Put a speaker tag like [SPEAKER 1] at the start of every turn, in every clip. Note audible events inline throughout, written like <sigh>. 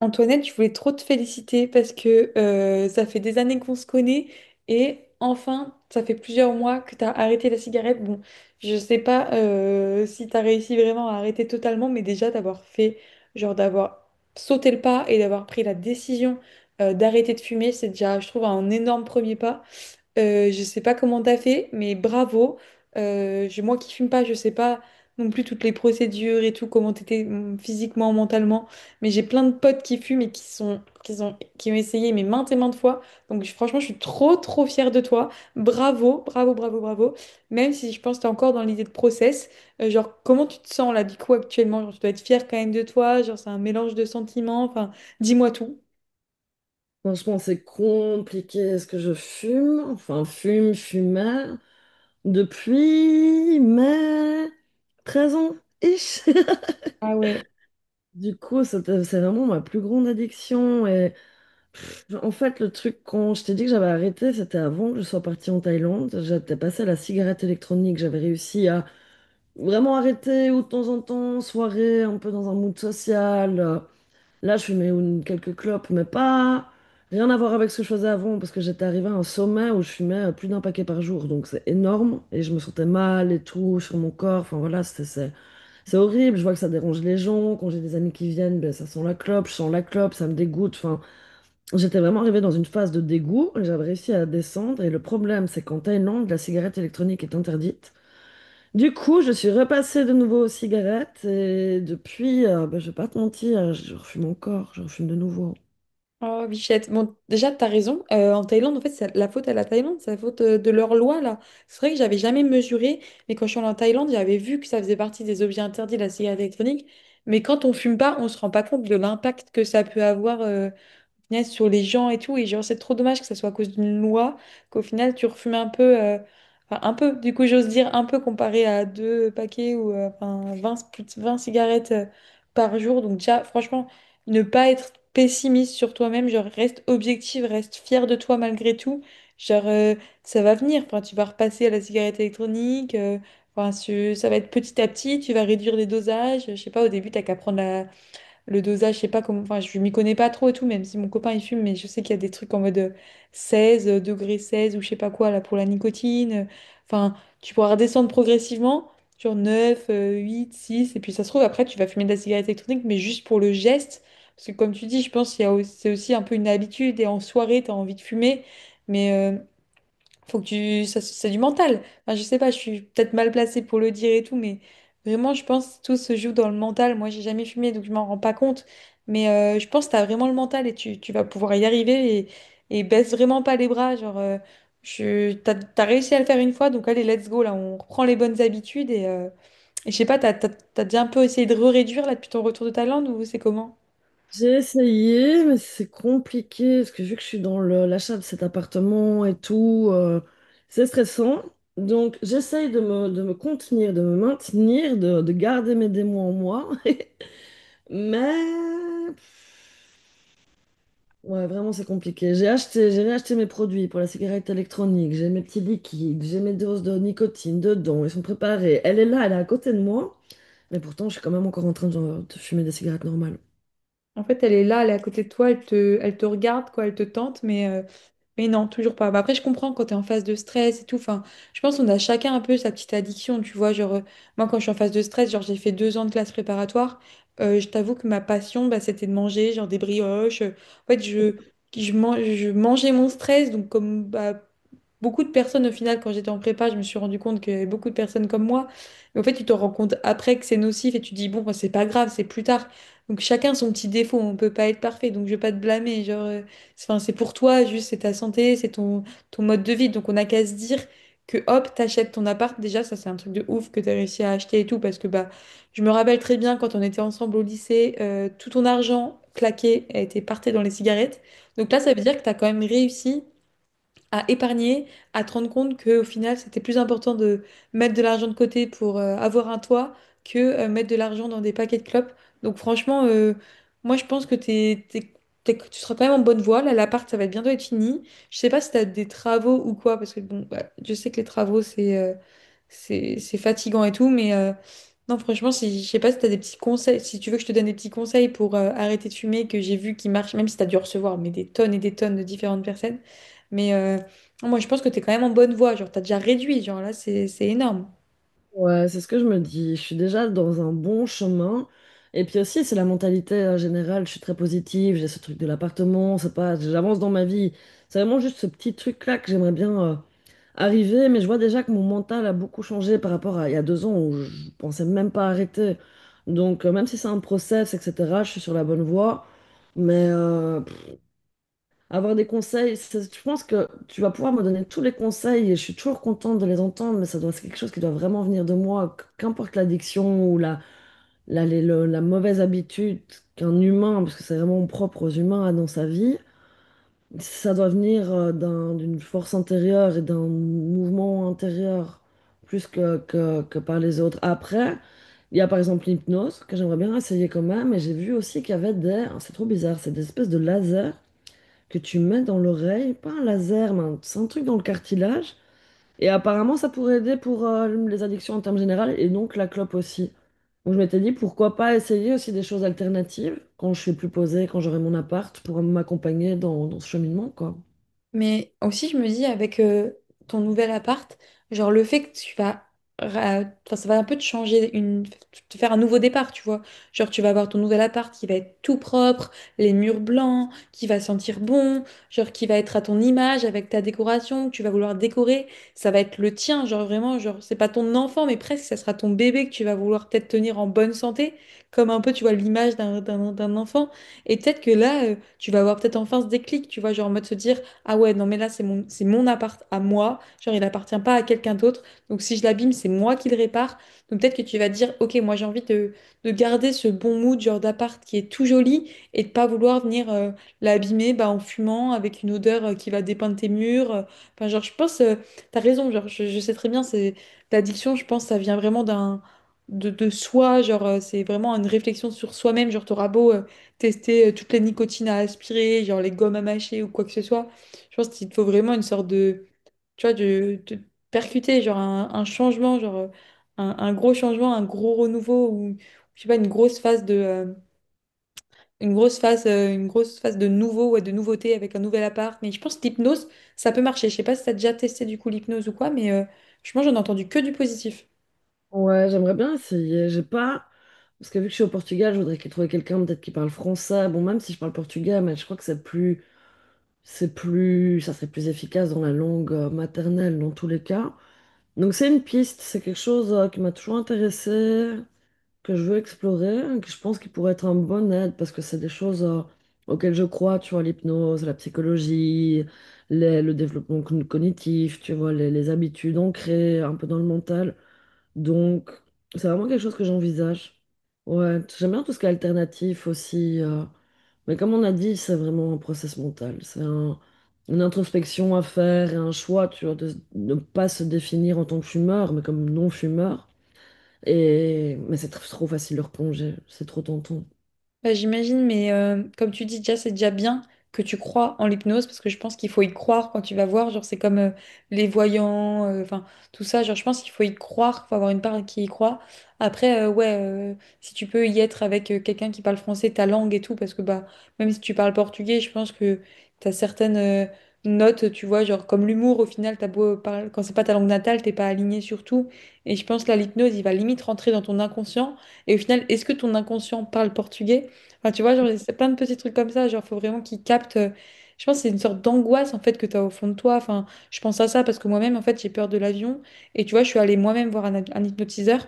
[SPEAKER 1] Antoinette, je voulais trop te féliciter parce que ça fait des années qu'on se connaît et enfin, ça fait plusieurs mois que tu as arrêté la cigarette. Bon, je sais pas si tu as réussi vraiment à arrêter totalement, mais déjà d'avoir fait, genre d'avoir sauté le pas et d'avoir pris la décision d'arrêter de fumer, c'est déjà, je trouve, un énorme premier pas. Je sais pas comment t'as fait, mais bravo. Moi qui fume pas, je sais pas non plus toutes les procédures et tout, comment t'étais physiquement, mentalement. Mais j'ai plein de potes qui fument et qui ont essayé mais maintes et maintes fois. Franchement, je suis trop trop fière de toi. Bravo, bravo, bravo, bravo. Même si je pense que t'es encore dans l'idée de process. Genre comment tu te sens là du coup actuellement? Genre, tu dois être fière quand même de toi. Genre c'est un mélange de sentiments. Enfin, dis-moi tout.
[SPEAKER 2] Franchement, c'est compliqué. Est-ce que je fume? Enfin, fume, fumais. Depuis mai 13 ans, ish. <laughs>
[SPEAKER 1] Ah ouais.
[SPEAKER 2] Du coup, c'est vraiment ma plus grande addiction. Et en fait, le truc, quand je t'ai dit que j'avais arrêté, c'était avant que je sois partie en Thaïlande. J'étais passée à la cigarette électronique. J'avais réussi à vraiment arrêter ou de temps en temps, soirée, un peu dans un mood social. Là, je fumais quelques clopes, mais pas rien à voir avec ce que je faisais avant, parce que j'étais arrivée à un sommet où je fumais plus d'un paquet par jour, donc c'est énorme, et je me sentais mal et tout sur mon corps. Enfin voilà, c'est horrible. Je vois que ça dérange les gens. Quand j'ai des amis qui viennent, ben, ça sent la clope, je sens la clope, ça me dégoûte. Enfin, j'étais vraiment arrivée dans une phase de dégoût, et j'avais réussi à descendre, et le problème, c'est qu'en Thaïlande, la cigarette électronique est interdite. Du coup, je suis repassée de nouveau aux cigarettes et depuis, bah, je vais pas te mentir, je refume encore, je refume de nouveau.
[SPEAKER 1] Oh, bichette. Bon, déjà, t'as raison. En Thaïlande, en fait, c'est la faute à la Thaïlande, c'est la faute de leur loi, là. C'est vrai que j'avais jamais mesuré, mais quand je suis allée en Thaïlande, j'avais vu que ça faisait partie des objets interdits, la cigarette électronique. Mais quand on fume pas, on se rend pas compte de l'impact que ça peut avoir. Punaise, sur les gens et tout. Et genre, c'est trop dommage que ça soit à cause d'une loi qu'au final, tu refumes un peu, enfin, un peu, du coup, j'ose dire un peu comparé à deux paquets ou enfin, 20 plus de 20 cigarettes par jour. Donc, déjà, franchement, ne pas être pessimiste sur toi-même, genre, reste objective, reste fier de toi malgré tout. Genre, euh, Ça va venir. Enfin, tu vas repasser à la cigarette électronique. Enfin, ça va être petit à petit, tu vas réduire les dosages. Je sais pas, au début, t'as qu'à prendre la, le dosage, je sais pas comment, enfin, je m'y connais pas trop et tout, même si mon copain il fume, mais je sais qu'il y a des trucs en mode 16, degré 16 ou je sais pas quoi là pour la nicotine. Enfin, tu pourras redescendre progressivement, genre 9 8, 6, et puis ça se trouve après tu vas fumer de la cigarette électronique, mais juste pour le geste. Parce que comme tu dis, je pense qu'il y a aussi, c'est aussi un peu une habitude et en soirée, tu as envie de fumer. Mais faut que tu... ça, c'est du mental. Enfin, je sais pas, je suis peut-être mal placée pour le dire et tout, mais vraiment, je pense que tout se joue dans le mental. Moi, j'ai jamais fumé, donc je m'en rends pas compte. Mais je pense que t'as vraiment le mental et tu vas pouvoir y arriver et baisse vraiment pas les bras. T'as réussi à le faire une fois, donc allez, let's go, là, on reprend les bonnes habitudes et je sais pas, t'as déjà un peu essayé de réduire là depuis ton retour de Thaïlande ou c'est comment?
[SPEAKER 2] J'ai essayé, mais c'est compliqué parce que vu que je suis dans l'achat de cet appartement et tout, c'est stressant. Donc j'essaye de me contenir, de me maintenir, de garder mes démons en moi. <laughs> Mais ouais, vraiment c'est compliqué. J'ai acheté, j'ai réacheté mes produits pour la cigarette électronique. J'ai mes petits liquides, j'ai mes doses de nicotine dedans. Ils sont préparés. Elle est là, elle est à côté de moi. Mais pourtant, je suis quand même encore en train de fumer des cigarettes normales.
[SPEAKER 1] En fait, elle est là, elle est à côté de toi, elle te regarde, quoi, elle te tente, mais non, toujours pas. Bah, après, je comprends quand tu es en phase de stress et tout. Enfin, je pense qu'on a chacun un peu sa petite addiction, tu vois. Moi, quand je suis en phase de stress, genre, j'ai fait 2 ans de classe préparatoire. Je t'avoue que ma passion, bah, c'était de manger, genre des brioches. En fait, je mangeais mon stress, donc comme bah, beaucoup de personnes, au final, quand j'étais en prépa, je me suis rendu compte qu'il y avait beaucoup de personnes comme moi. Mais en fait, tu te rends compte après que c'est nocif et tu te dis, bon, bah, c'est pas grave, c'est plus tard. Donc, chacun son petit défaut, on peut pas être parfait, donc je vais pas te blâmer. C'est 'fin, c'est pour toi, juste, c'est ta santé, ton mode de vie. Donc, on n'a qu'à se dire que hop, t'achètes ton appart. Déjà, ça, c'est un truc de ouf que t'as réussi à acheter et tout, parce que bah, je me rappelle très bien quand on était ensemble au lycée, tout ton argent claqué a été parté dans les cigarettes. Donc là, ça veut dire que t'as quand même réussi à épargner, à te rendre compte qu'au final, c'était plus important de mettre de l'argent de côté pour avoir un toit que mettre de l'argent dans des paquets de clopes. Donc franchement, moi je pense que tu seras quand même en bonne voie. Là, l'appart, ça va bientôt être fini. Je sais pas si tu as des travaux ou quoi, parce que bon, bah, je sais que les travaux, c'est fatigant et tout, mais non, franchement, si, je sais pas si t'as des petits conseils, si tu veux que je te donne des petits conseils pour arrêter de fumer, que j'ai vu qui marchent, même si t'as dû recevoir mais des tonnes et des tonnes de différentes personnes. Mais moi, je pense que t'es quand même en bonne voie. Genre, t'as déjà réduit. Genre, là, c'est énorme.
[SPEAKER 2] Ouais, c'est ce que je me dis. Je suis déjà dans un bon chemin. Et puis aussi, c'est la mentalité générale. Je suis très positive. J'ai ce truc de l'appartement. C'est pas, j'avance dans ma vie. C'est vraiment juste ce petit truc-là que j'aimerais bien arriver. Mais je vois déjà que mon mental a beaucoup changé par rapport à il y a 2 ans où je pensais même pas arrêter. Donc, même si c'est un process, etc., je suis sur la bonne voie. Mais avoir des je pense que tu vas pouvoir me donner tous les conseils et je suis toujours contente de les entendre, mais ça doit, c'est quelque chose qui doit vraiment venir de moi, qu'importe l'addiction ou la mauvaise habitude qu'un humain, parce que c'est vraiment propre aux humains, a dans sa vie, ça doit venir d'une force intérieure et d'un mouvement intérieur plus que par les autres. Après, il y a par exemple l'hypnose, que j'aimerais bien essayer quand même, et j'ai vu aussi qu'il y avait des, c'est trop bizarre, c'est des espèces de lasers que tu mets dans l'oreille, pas un laser, mais c'est un truc dans le cartilage. Et apparemment, ça pourrait aider pour les addictions en termes généraux et donc la clope aussi. Donc je m'étais dit, pourquoi pas essayer aussi des choses alternatives quand je suis plus posée, quand j'aurai mon appart, pour m'accompagner dans, dans ce cheminement, quoi.
[SPEAKER 1] Mais aussi, je me dis, avec ton nouvel appart, genre le fait que enfin, ça va un peu te changer, te faire un nouveau départ, tu vois. Genre, tu vas avoir ton nouvel appart qui va être tout propre, les murs blancs, qui va sentir bon, genre qui va être à ton image avec ta décoration, que tu vas vouloir décorer. Ça va être le tien, genre vraiment, genre, c'est pas ton enfant, mais presque, ça sera ton bébé que tu vas vouloir peut-être tenir en bonne santé, comme un peu, tu vois, l'image d'un enfant. Et peut-être que là, tu vas avoir peut-être enfin ce déclic, tu vois, genre en mode se dire ah ouais, non, mais là, c'est mon appart à moi. Genre, il appartient pas à quelqu'un d'autre. Donc, si je l'abîme, c'est moi qui le répare. Donc, peut-être que tu vas te dire, ok, moi, j'ai envie de garder ce bon mood, genre d'appart qui est tout joli et de pas vouloir venir l'abîmer bah, en fumant avec une odeur qui va dépeindre tes murs. Enfin, genre, je pense, euh, T'as raison. Genre, je sais très bien, c'est l'addiction, je pense, ça vient vraiment d'un. de soi, c'est vraiment une réflexion sur soi-même, genre t'auras beau tester toutes les nicotines à aspirer, genre les gommes à mâcher ou quoi que ce soit. Je pense qu'il te faut vraiment une sorte de, tu vois, de percuter, genre un changement, un gros changement, un gros renouveau, ou je sais pas, une grosse phase de, une grosse phase de nouveau, ouais, de nouveauté avec un nouvel appart. Mais je pense que l'hypnose, ça peut marcher. Je sais pas si t'as déjà testé du coup l'hypnose ou quoi, mais franchement, j'en ai entendu que du positif.
[SPEAKER 2] Ouais, j'aimerais bien essayer. J'ai pas... Parce que vu que je suis au Portugal, je voudrais trouver quelqu'un peut-être qui parle français. Bon, même si je parle portugais, mais je crois que c'est plus... C'est plus, ça serait plus efficace dans la langue maternelle dans tous les cas. Donc c'est une piste, c'est quelque chose qui m'a toujours intéressée, que je veux explorer, que je pense qui pourrait être un bon aide parce que c'est des choses auxquelles je crois, tu vois, l'hypnose, la psychologie, le développement cognitif, tu vois, les habitudes ancrées un peu dans le mental. Donc, c'est vraiment quelque chose que j'envisage. Ouais, j'aime bien tout ce qui est alternatif aussi. Mais comme on a dit, c'est vraiment un process mental. Une introspection à faire et un choix, tu vois, de ne pas se définir en tant que fumeur, mais comme non-fumeur. Et... Mais c'est trop facile de replonger. C'est trop tentant.
[SPEAKER 1] Bah, j'imagine, mais comme tu dis déjà, c'est déjà bien que tu crois en l'hypnose parce que je pense qu'il faut y croire quand tu vas voir. Genre, c'est comme les voyants, enfin, tout ça. Genre, je pense qu'il faut y croire, faut avoir une part qui y croit. Après, ouais, si tu peux y être avec quelqu'un qui parle français, ta langue et tout, parce que bah, même si tu parles portugais, je pense que t'as certaines notes, tu vois, genre comme l'humour, au final, t'as beau parler, quand c'est pas ta langue natale, t'es pas aligné sur tout. Et je pense là, l'hypnose, il va limite rentrer dans ton inconscient. Et au final, est-ce que ton inconscient parle portugais? Enfin, tu vois, genre, c'est plein de petits trucs comme ça. Genre, faut vraiment qu'ils captent. Je pense que c'est une sorte d'angoisse, en fait, que tu as au fond de toi. Enfin, je pense à ça parce que moi-même, en fait, j'ai peur de l'avion. Et tu vois, je suis allée moi-même voir un hypnotiseur.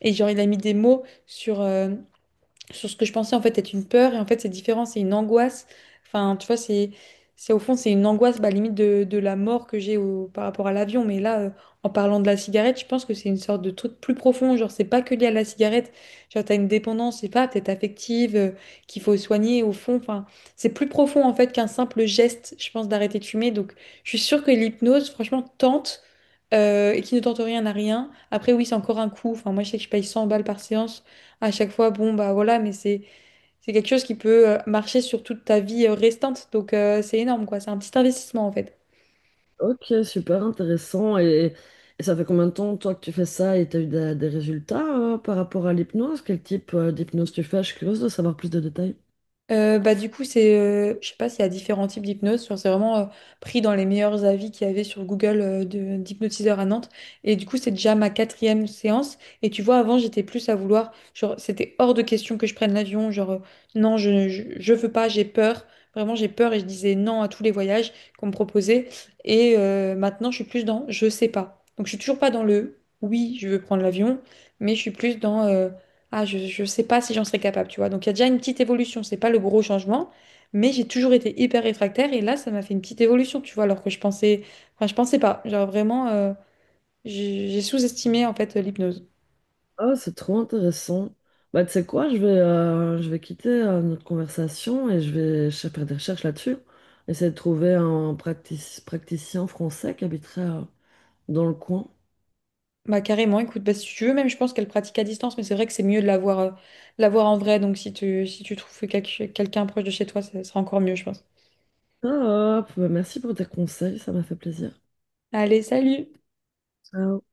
[SPEAKER 1] Et genre, il a mis des mots sur ce que je pensais en fait être une peur et en fait c'est différent, c'est une angoisse. Enfin, tu vois, c'est au fond c'est une angoisse bah, limite de la mort que j'ai par rapport à l'avion. Mais là, en parlant de la cigarette, je pense que c'est une sorte de truc plus profond. Genre c'est pas que lié à la cigarette. Genre t'as une dépendance, c'est pas peut-être affective qu'il faut soigner au fond. Enfin, c'est plus profond en fait qu'un simple geste, je pense, d'arrêter de fumer. Donc je suis sûre que l'hypnose, franchement, tente. Et qui ne tente rien à rien. Après, oui, c'est encore un coût. Enfin, moi, je sais que je paye 100 balles par séance à chaque fois, bon, bah voilà, mais c'est quelque chose qui peut marcher sur toute ta vie restante. Donc, c'est énorme, quoi. C'est un petit investissement, en fait.
[SPEAKER 2] Ok, super intéressant. Et ça fait combien de temps, toi, que tu fais ça et t'as eu des résultats par rapport à l'hypnose? Quel type d'hypnose tu fais? Je suis curieuse de savoir plus de détails.
[SPEAKER 1] Bah, du coup, je sais pas s'il y a différents types d'hypnose. Genre, c'est vraiment pris dans les meilleurs avis qu'il y avait sur Google d'hypnotiseurs à Nantes. Et du coup, c'est déjà ma 4e séance. Et tu vois, avant, j'étais plus à vouloir. Genre, c'était hors de question que je prenne l'avion. Non, je veux pas, j'ai peur. Vraiment, j'ai peur et je disais non à tous les voyages qu'on me proposait. Et maintenant, je suis plus dans je sais pas. Donc, je suis toujours pas dans le oui, je veux prendre l'avion, mais je suis plus dans. Ah, je sais pas si j'en serais capable, tu vois. Donc, il y a déjà une petite évolution. C'est pas le gros changement, mais j'ai toujours été hyper réfractaire et là, ça m'a fait une petite évolution, tu vois, alors que je pensais, enfin, je pensais pas. J'ai sous-estimé en fait l'hypnose.
[SPEAKER 2] Ah, c'est trop intéressant. Bah, tu sais quoi, je vais quitter notre conversation et je vais faire des recherches là-dessus. Essayer de trouver un praticien français qui habiterait dans le coin.
[SPEAKER 1] Bah, carrément, écoute, bah, si tu veux, même je pense qu'elle pratique à distance, mais c'est vrai que c'est mieux de l'avoir, voir, de la en vrai. Donc, si tu trouves quelqu'un proche de chez toi, ça sera encore mieux, je pense.
[SPEAKER 2] Top, merci pour tes conseils, ça m'a fait plaisir.
[SPEAKER 1] Allez, salut!
[SPEAKER 2] Ciao.